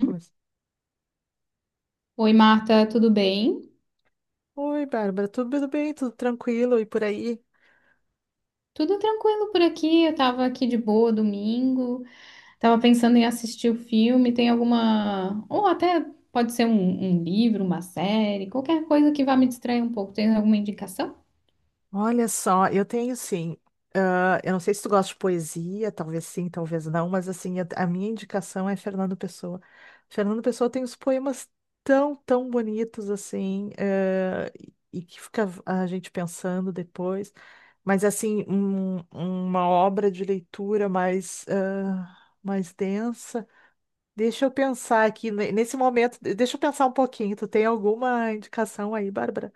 Começa. Oi, Marta, tudo bem? Oi, Bárbara, tudo bem? Tudo tranquilo e por aí? Tudo tranquilo por aqui. Eu tava aqui de boa domingo, tava pensando em assistir o filme. Tem alguma, ou até pode ser um, um livro, uma série, qualquer coisa que vá me distrair um pouco. Tem alguma indicação? Olha só, eu tenho sim. Eu não sei se tu gosta de poesia, talvez sim, talvez não, mas assim, a minha indicação é Fernando Pessoa. Fernando Pessoa tem uns poemas tão bonitos assim, e que fica a gente pensando depois. Mas assim, uma obra de leitura mais, mais densa. Deixa eu pensar aqui, nesse momento, deixa eu pensar um pouquinho. Tu tem alguma indicação aí, Bárbara?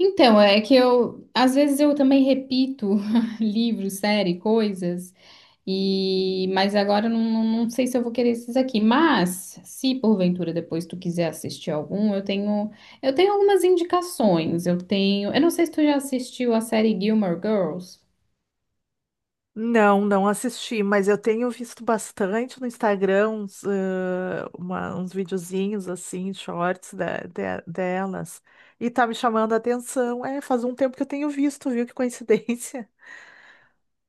Então, é que eu, às vezes eu também repito livros, série, coisas. E, mas agora eu não sei se eu vou querer esses aqui. Mas, se porventura depois tu quiser assistir algum, eu tenho algumas indicações. Eu tenho, eu não sei se tu já assistiu a série Gilmore Girls. Não, não assisti, mas eu tenho visto bastante no Instagram uns, uns videozinhos assim, shorts delas. E tá me chamando a atenção. É, faz um tempo que eu tenho visto, viu? Que coincidência.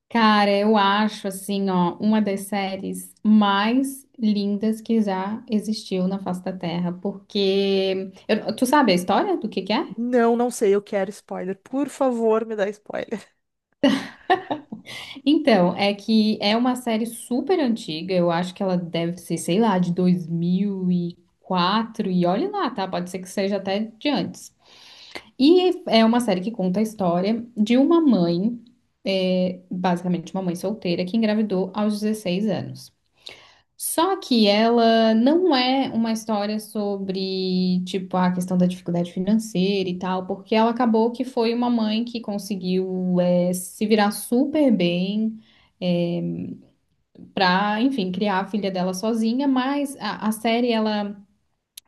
Cara, eu acho assim, ó, uma das séries mais lindas que já existiu na face da Terra, porque tu sabe a história do que é? Não, não sei, eu quero spoiler. Por favor, me dá spoiler. Então, é que é uma série super antiga, eu acho que ela deve ser, sei lá, de 2004, e olhe lá, tá? Pode ser que seja até de antes. E é uma série que conta a história de uma mãe, é, basicamente uma mãe solteira, que engravidou aos 16 anos. Só que ela não é uma história sobre, tipo, a questão da dificuldade financeira e tal, porque ela acabou que foi uma mãe que conseguiu, é, se virar super bem, para, enfim, criar a filha dela sozinha, mas a série ela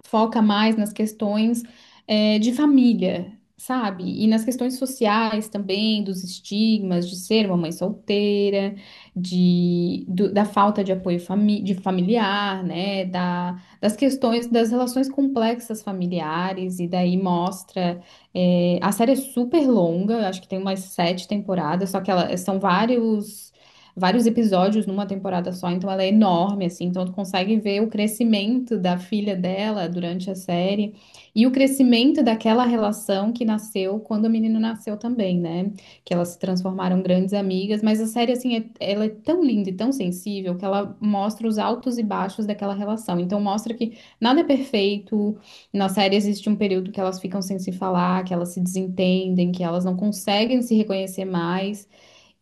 foca mais nas questões é, de família, sabe? E nas questões sociais também, dos estigmas de ser uma mãe solteira, de, da falta de apoio de familiar, né? Da, das questões das relações complexas familiares, e daí mostra. É, a série é super longa, eu acho que tem umas 7 temporadas, só que ela, são vários episódios numa temporada só, então ela é enorme, assim, então tu consegue ver o crescimento da filha dela durante a série e o crescimento daquela relação que nasceu quando o menino nasceu também, né? Que elas se transformaram grandes amigas, mas a série, assim, ela é tão linda e tão sensível que ela mostra os altos e baixos daquela relação, então mostra que nada é perfeito, na série existe um período que elas ficam sem se falar, que elas se desentendem, que elas não conseguem se reconhecer mais,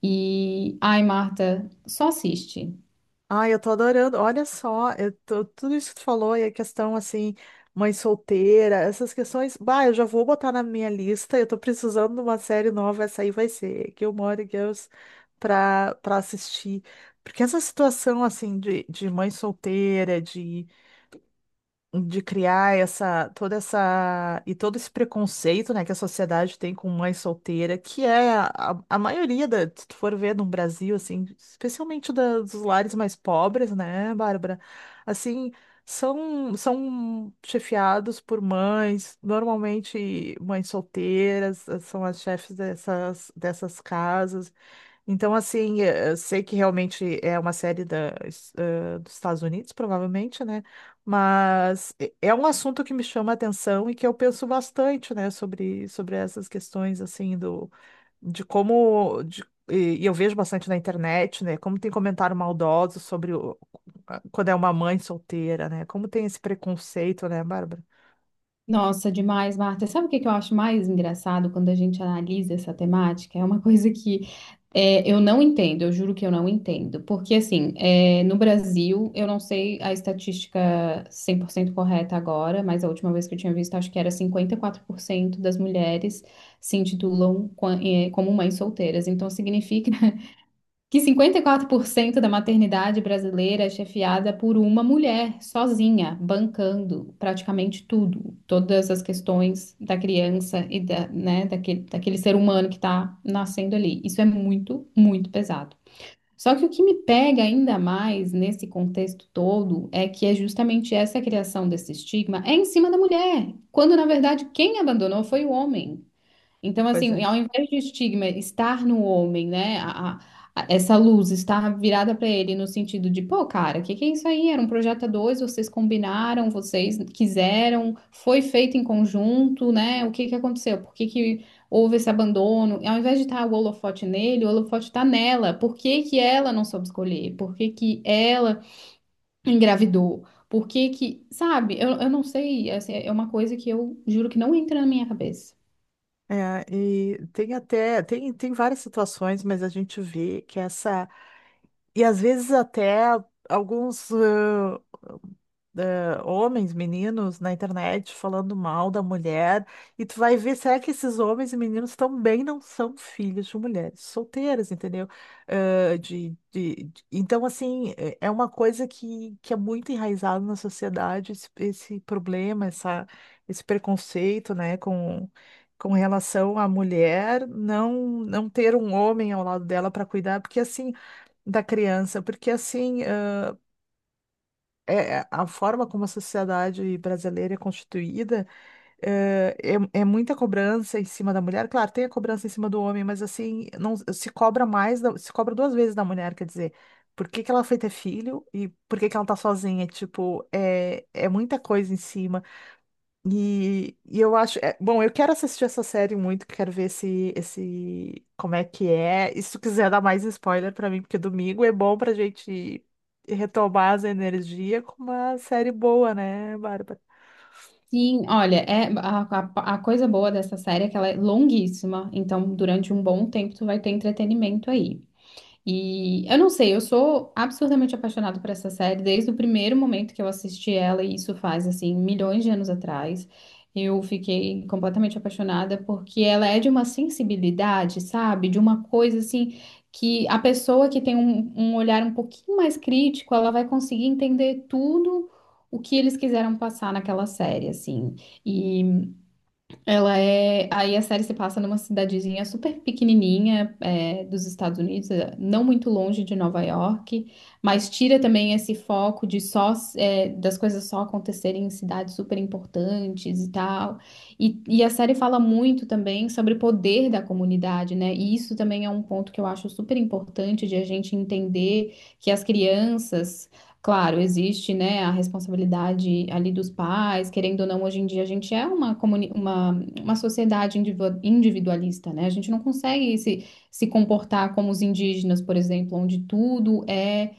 e, ai, Marta, só assiste. Ah, eu tô adorando. Olha só, tudo isso que tu falou e a questão assim, mãe solteira, essas questões. Bah, eu já vou botar na minha lista. Eu tô precisando de uma série nova. Essa aí vai ser Gilmore Girls pra assistir. Porque essa situação assim de mãe solteira, de criar essa toda essa e todo esse preconceito, né, que a sociedade tem com mãe solteira, que é a maioria da, se tu for ver no Brasil assim, especialmente dos lares mais pobres, né, Bárbara? Assim, são chefiados por mães, normalmente mães solteiras, são as chefes dessas casas. Então, assim, eu sei que realmente é uma série da, dos Estados Unidos, provavelmente, né? Mas é um assunto que me chama a atenção e que eu penso bastante, né, sobre essas questões, assim, do, de como. E eu vejo bastante na internet, né? Como tem comentário maldoso sobre quando é uma mãe solteira, né? Como tem esse preconceito, né, Bárbara? Nossa, demais, Marta. Sabe o que que eu acho mais engraçado quando a gente analisa essa temática? É uma coisa que é, eu não entendo, eu juro que eu não entendo. Porque, assim, é, no Brasil, eu não sei a estatística 100% correta agora, mas a última vez que eu tinha visto, acho que era 54% das mulheres se intitulam como mães solteiras. Então, significa que 54% da maternidade brasileira é chefiada por uma mulher sozinha, bancando praticamente tudo, todas as questões da criança e da, né, daquele, daquele ser humano que está nascendo ali. Isso é muito, muito pesado. Só que o que me pega ainda mais nesse contexto todo é que é justamente essa criação desse estigma é em cima da mulher, quando na verdade quem abandonou foi o homem. Então, Pois assim, é. ao invés de estigma estar no homem, né? Essa luz estar virada para ele no sentido de, pô, cara, o que que é isso aí? Era um projeto a dois, vocês combinaram, vocês quiseram, foi feito em conjunto, né? O que que aconteceu? Por que que houve esse abandono? Ao invés de estar o holofote nele, o holofote está nela. Por que que ela não soube escolher? Por que que ela engravidou? Por que que, sabe? Eu não sei, assim, é uma coisa que eu juro que não entra na minha cabeça. É, e tem até, tem, tem várias situações, mas a gente vê que essa. E às vezes até alguns homens, meninos na internet falando mal da mulher, e tu vai ver, será que esses homens e meninos também não são filhos de mulheres solteiras, entendeu? Então, assim, é uma coisa que é muito enraizado na sociedade, esse problema, esse preconceito, né, com relação à mulher não ter um homem ao lado dela para cuidar, porque assim da criança, porque assim, é, a forma como a sociedade brasileira é constituída eh, é, é muita cobrança em cima da mulher. Claro, tem a cobrança em cima do homem, mas assim, não se cobra mais, se cobra duas vezes da mulher, quer dizer, por que que ela foi ter filho e por que que ela tá sozinha? Tipo, é muita coisa em cima. E eu acho, bom, eu quero assistir essa série muito, quero ver esse, como é que é. E se tu quiser dar mais spoiler pra mim, porque domingo é bom pra gente retomar as energias com uma série boa, né, Bárbara? Sim, olha, é a coisa boa dessa série é que ela é longuíssima, então durante um bom tempo tu vai ter entretenimento aí. E eu não sei, eu sou absurdamente apaixonada por essa série desde o primeiro momento que eu assisti ela, e isso faz assim milhões de anos atrás. Eu fiquei completamente apaixonada porque ela é de uma sensibilidade, sabe? De uma coisa assim que a pessoa que tem um olhar um pouquinho mais crítico, ela vai conseguir entender tudo o que eles quiseram passar naquela série, assim. E ela é. Aí a série se passa numa cidadezinha super pequenininha, é, dos Estados Unidos, é, não muito longe de Nova York, mas tira também esse foco de só, é, das coisas só acontecerem em cidades super importantes e tal. E a série fala muito também sobre o poder da comunidade, né? E isso também é um ponto que eu acho super importante de a gente entender que as crianças. Claro, existe, né, a responsabilidade ali dos pais, querendo ou não, hoje em dia a gente é uma, uma sociedade individualista, né? A gente não consegue se, se comportar como os indígenas, por exemplo, onde tudo é,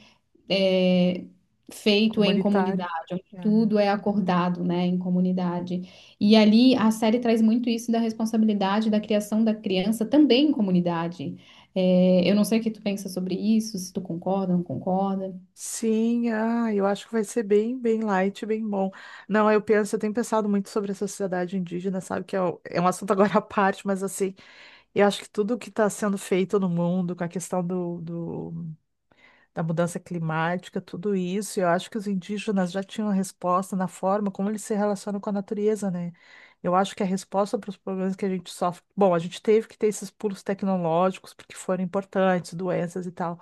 é feito em Comunitária. comunidade, onde É. tudo é acordado, né, em comunidade. E ali a série traz muito isso da responsabilidade da criação da criança também em comunidade. É, eu não sei o que tu pensa sobre isso, se tu concorda, não concorda. Sim, ah, eu acho que vai ser bem, bem light, bem bom. Não, eu penso, eu tenho pensado muito sobre a sociedade indígena, sabe? Que é, é um assunto agora à parte, mas assim, eu acho que tudo que está sendo feito no mundo, com a questão do da mudança climática, tudo isso. E eu acho que os indígenas já tinham a resposta na forma como eles se relacionam com a natureza, né? Eu acho que a resposta para os problemas que a gente sofre. Bom, a gente teve que ter esses pulos tecnológicos porque foram importantes, doenças e tal,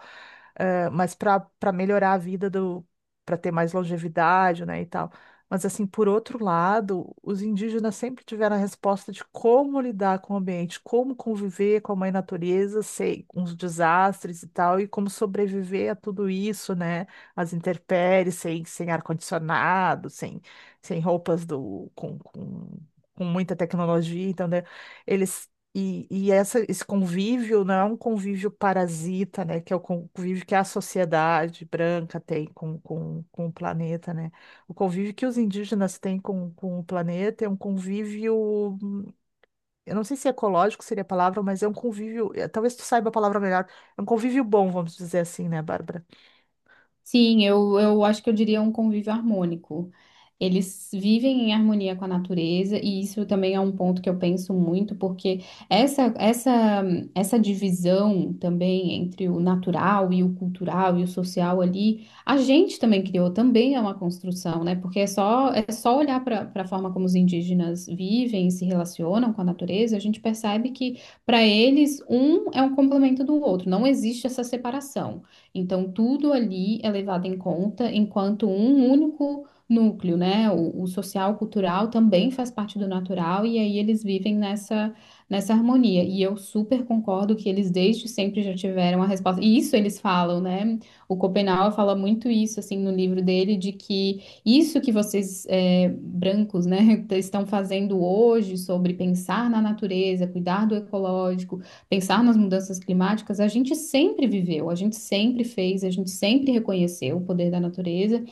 mas para melhorar a vida do, para ter mais longevidade, né, e tal. Mas, assim, por outro lado, os indígenas sempre tiveram a resposta de como lidar com o ambiente, como conviver com a mãe natureza, sei, com os desastres e tal, e como sobreviver a tudo isso, né? As intempéries, sem ar-condicionado, sem, sem roupas do, com muita tecnologia, então, né? Eles. E essa, esse convívio não é um convívio parasita, né? Que é o convívio que a sociedade branca tem com o planeta, né? O convívio que os indígenas têm com o planeta é um convívio, eu não sei se é ecológico seria a palavra, mas é um convívio, talvez tu saiba a palavra melhor, é um convívio bom, vamos dizer assim, né, Bárbara? Sim, eu acho que eu diria um convívio harmônico. Eles vivem em harmonia com a natureza, e isso também é um ponto que eu penso muito, porque essa, essa, essa divisão também entre o natural e o cultural e o social ali, a gente também criou, também é uma construção, né? Porque é só olhar para a forma como os indígenas vivem e se relacionam com a natureza, a gente percebe que, para eles, um é um complemento do outro, não existe essa separação. Então, tudo ali é levado em conta, enquanto um único núcleo, né? O social, cultural também faz parte do natural, e aí eles vivem nessa, nessa harmonia. E eu super concordo que eles desde sempre já tiveram a resposta. E isso eles falam, né? O Schopenhauer fala muito isso, assim, no livro dele, de que isso que vocês, brancos, né, estão fazendo hoje sobre pensar na natureza, cuidar do ecológico, pensar nas mudanças climáticas, a gente sempre viveu, a gente sempre fez, a gente sempre reconheceu o poder da natureza,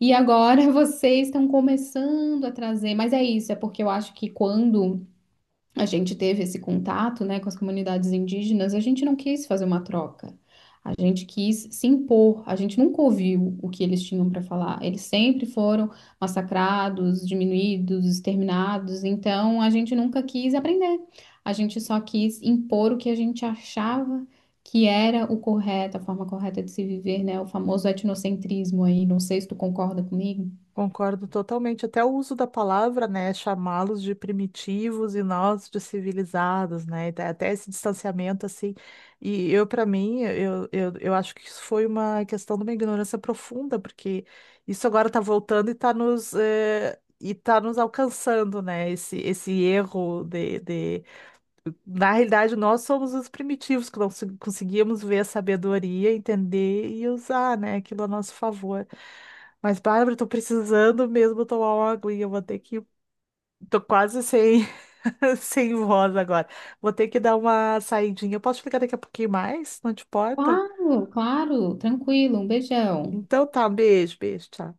e agora vocês estão começando a trazer, mas é isso, é porque eu acho que quando a gente teve esse contato, né, com as comunidades indígenas, a gente não quis fazer uma troca. A gente quis se impor, a gente nunca ouviu o que eles tinham para falar. Eles sempre foram massacrados, diminuídos, exterminados, então a gente nunca quis aprender. A gente só quis impor o que a gente achava que era o correto, a forma correta de se viver, né? O famoso etnocentrismo aí. Não sei se tu concorda comigo. Concordo totalmente. Até o uso da palavra, né, chamá-los de primitivos e nós de civilizados, né, até esse distanciamento assim. E eu, para mim, eu acho que isso foi uma questão de uma ignorância profunda, porque isso agora está voltando e está e tá nos alcançando, né, esse erro de na realidade, nós somos os primitivos que conseguíamos ver a sabedoria, entender e usar, né, aquilo a nosso favor. Mas, Bárbara, estou precisando mesmo tomar uma aguinha, eu vou ter que. Tô quase sem, sem voz agora. Vou ter que dar uma saidinha. Eu posso ficar daqui a pouquinho mais? Não te importa? Claro, claro, tranquilo, um beijão. Então tá, um beijo, beijo, tchau.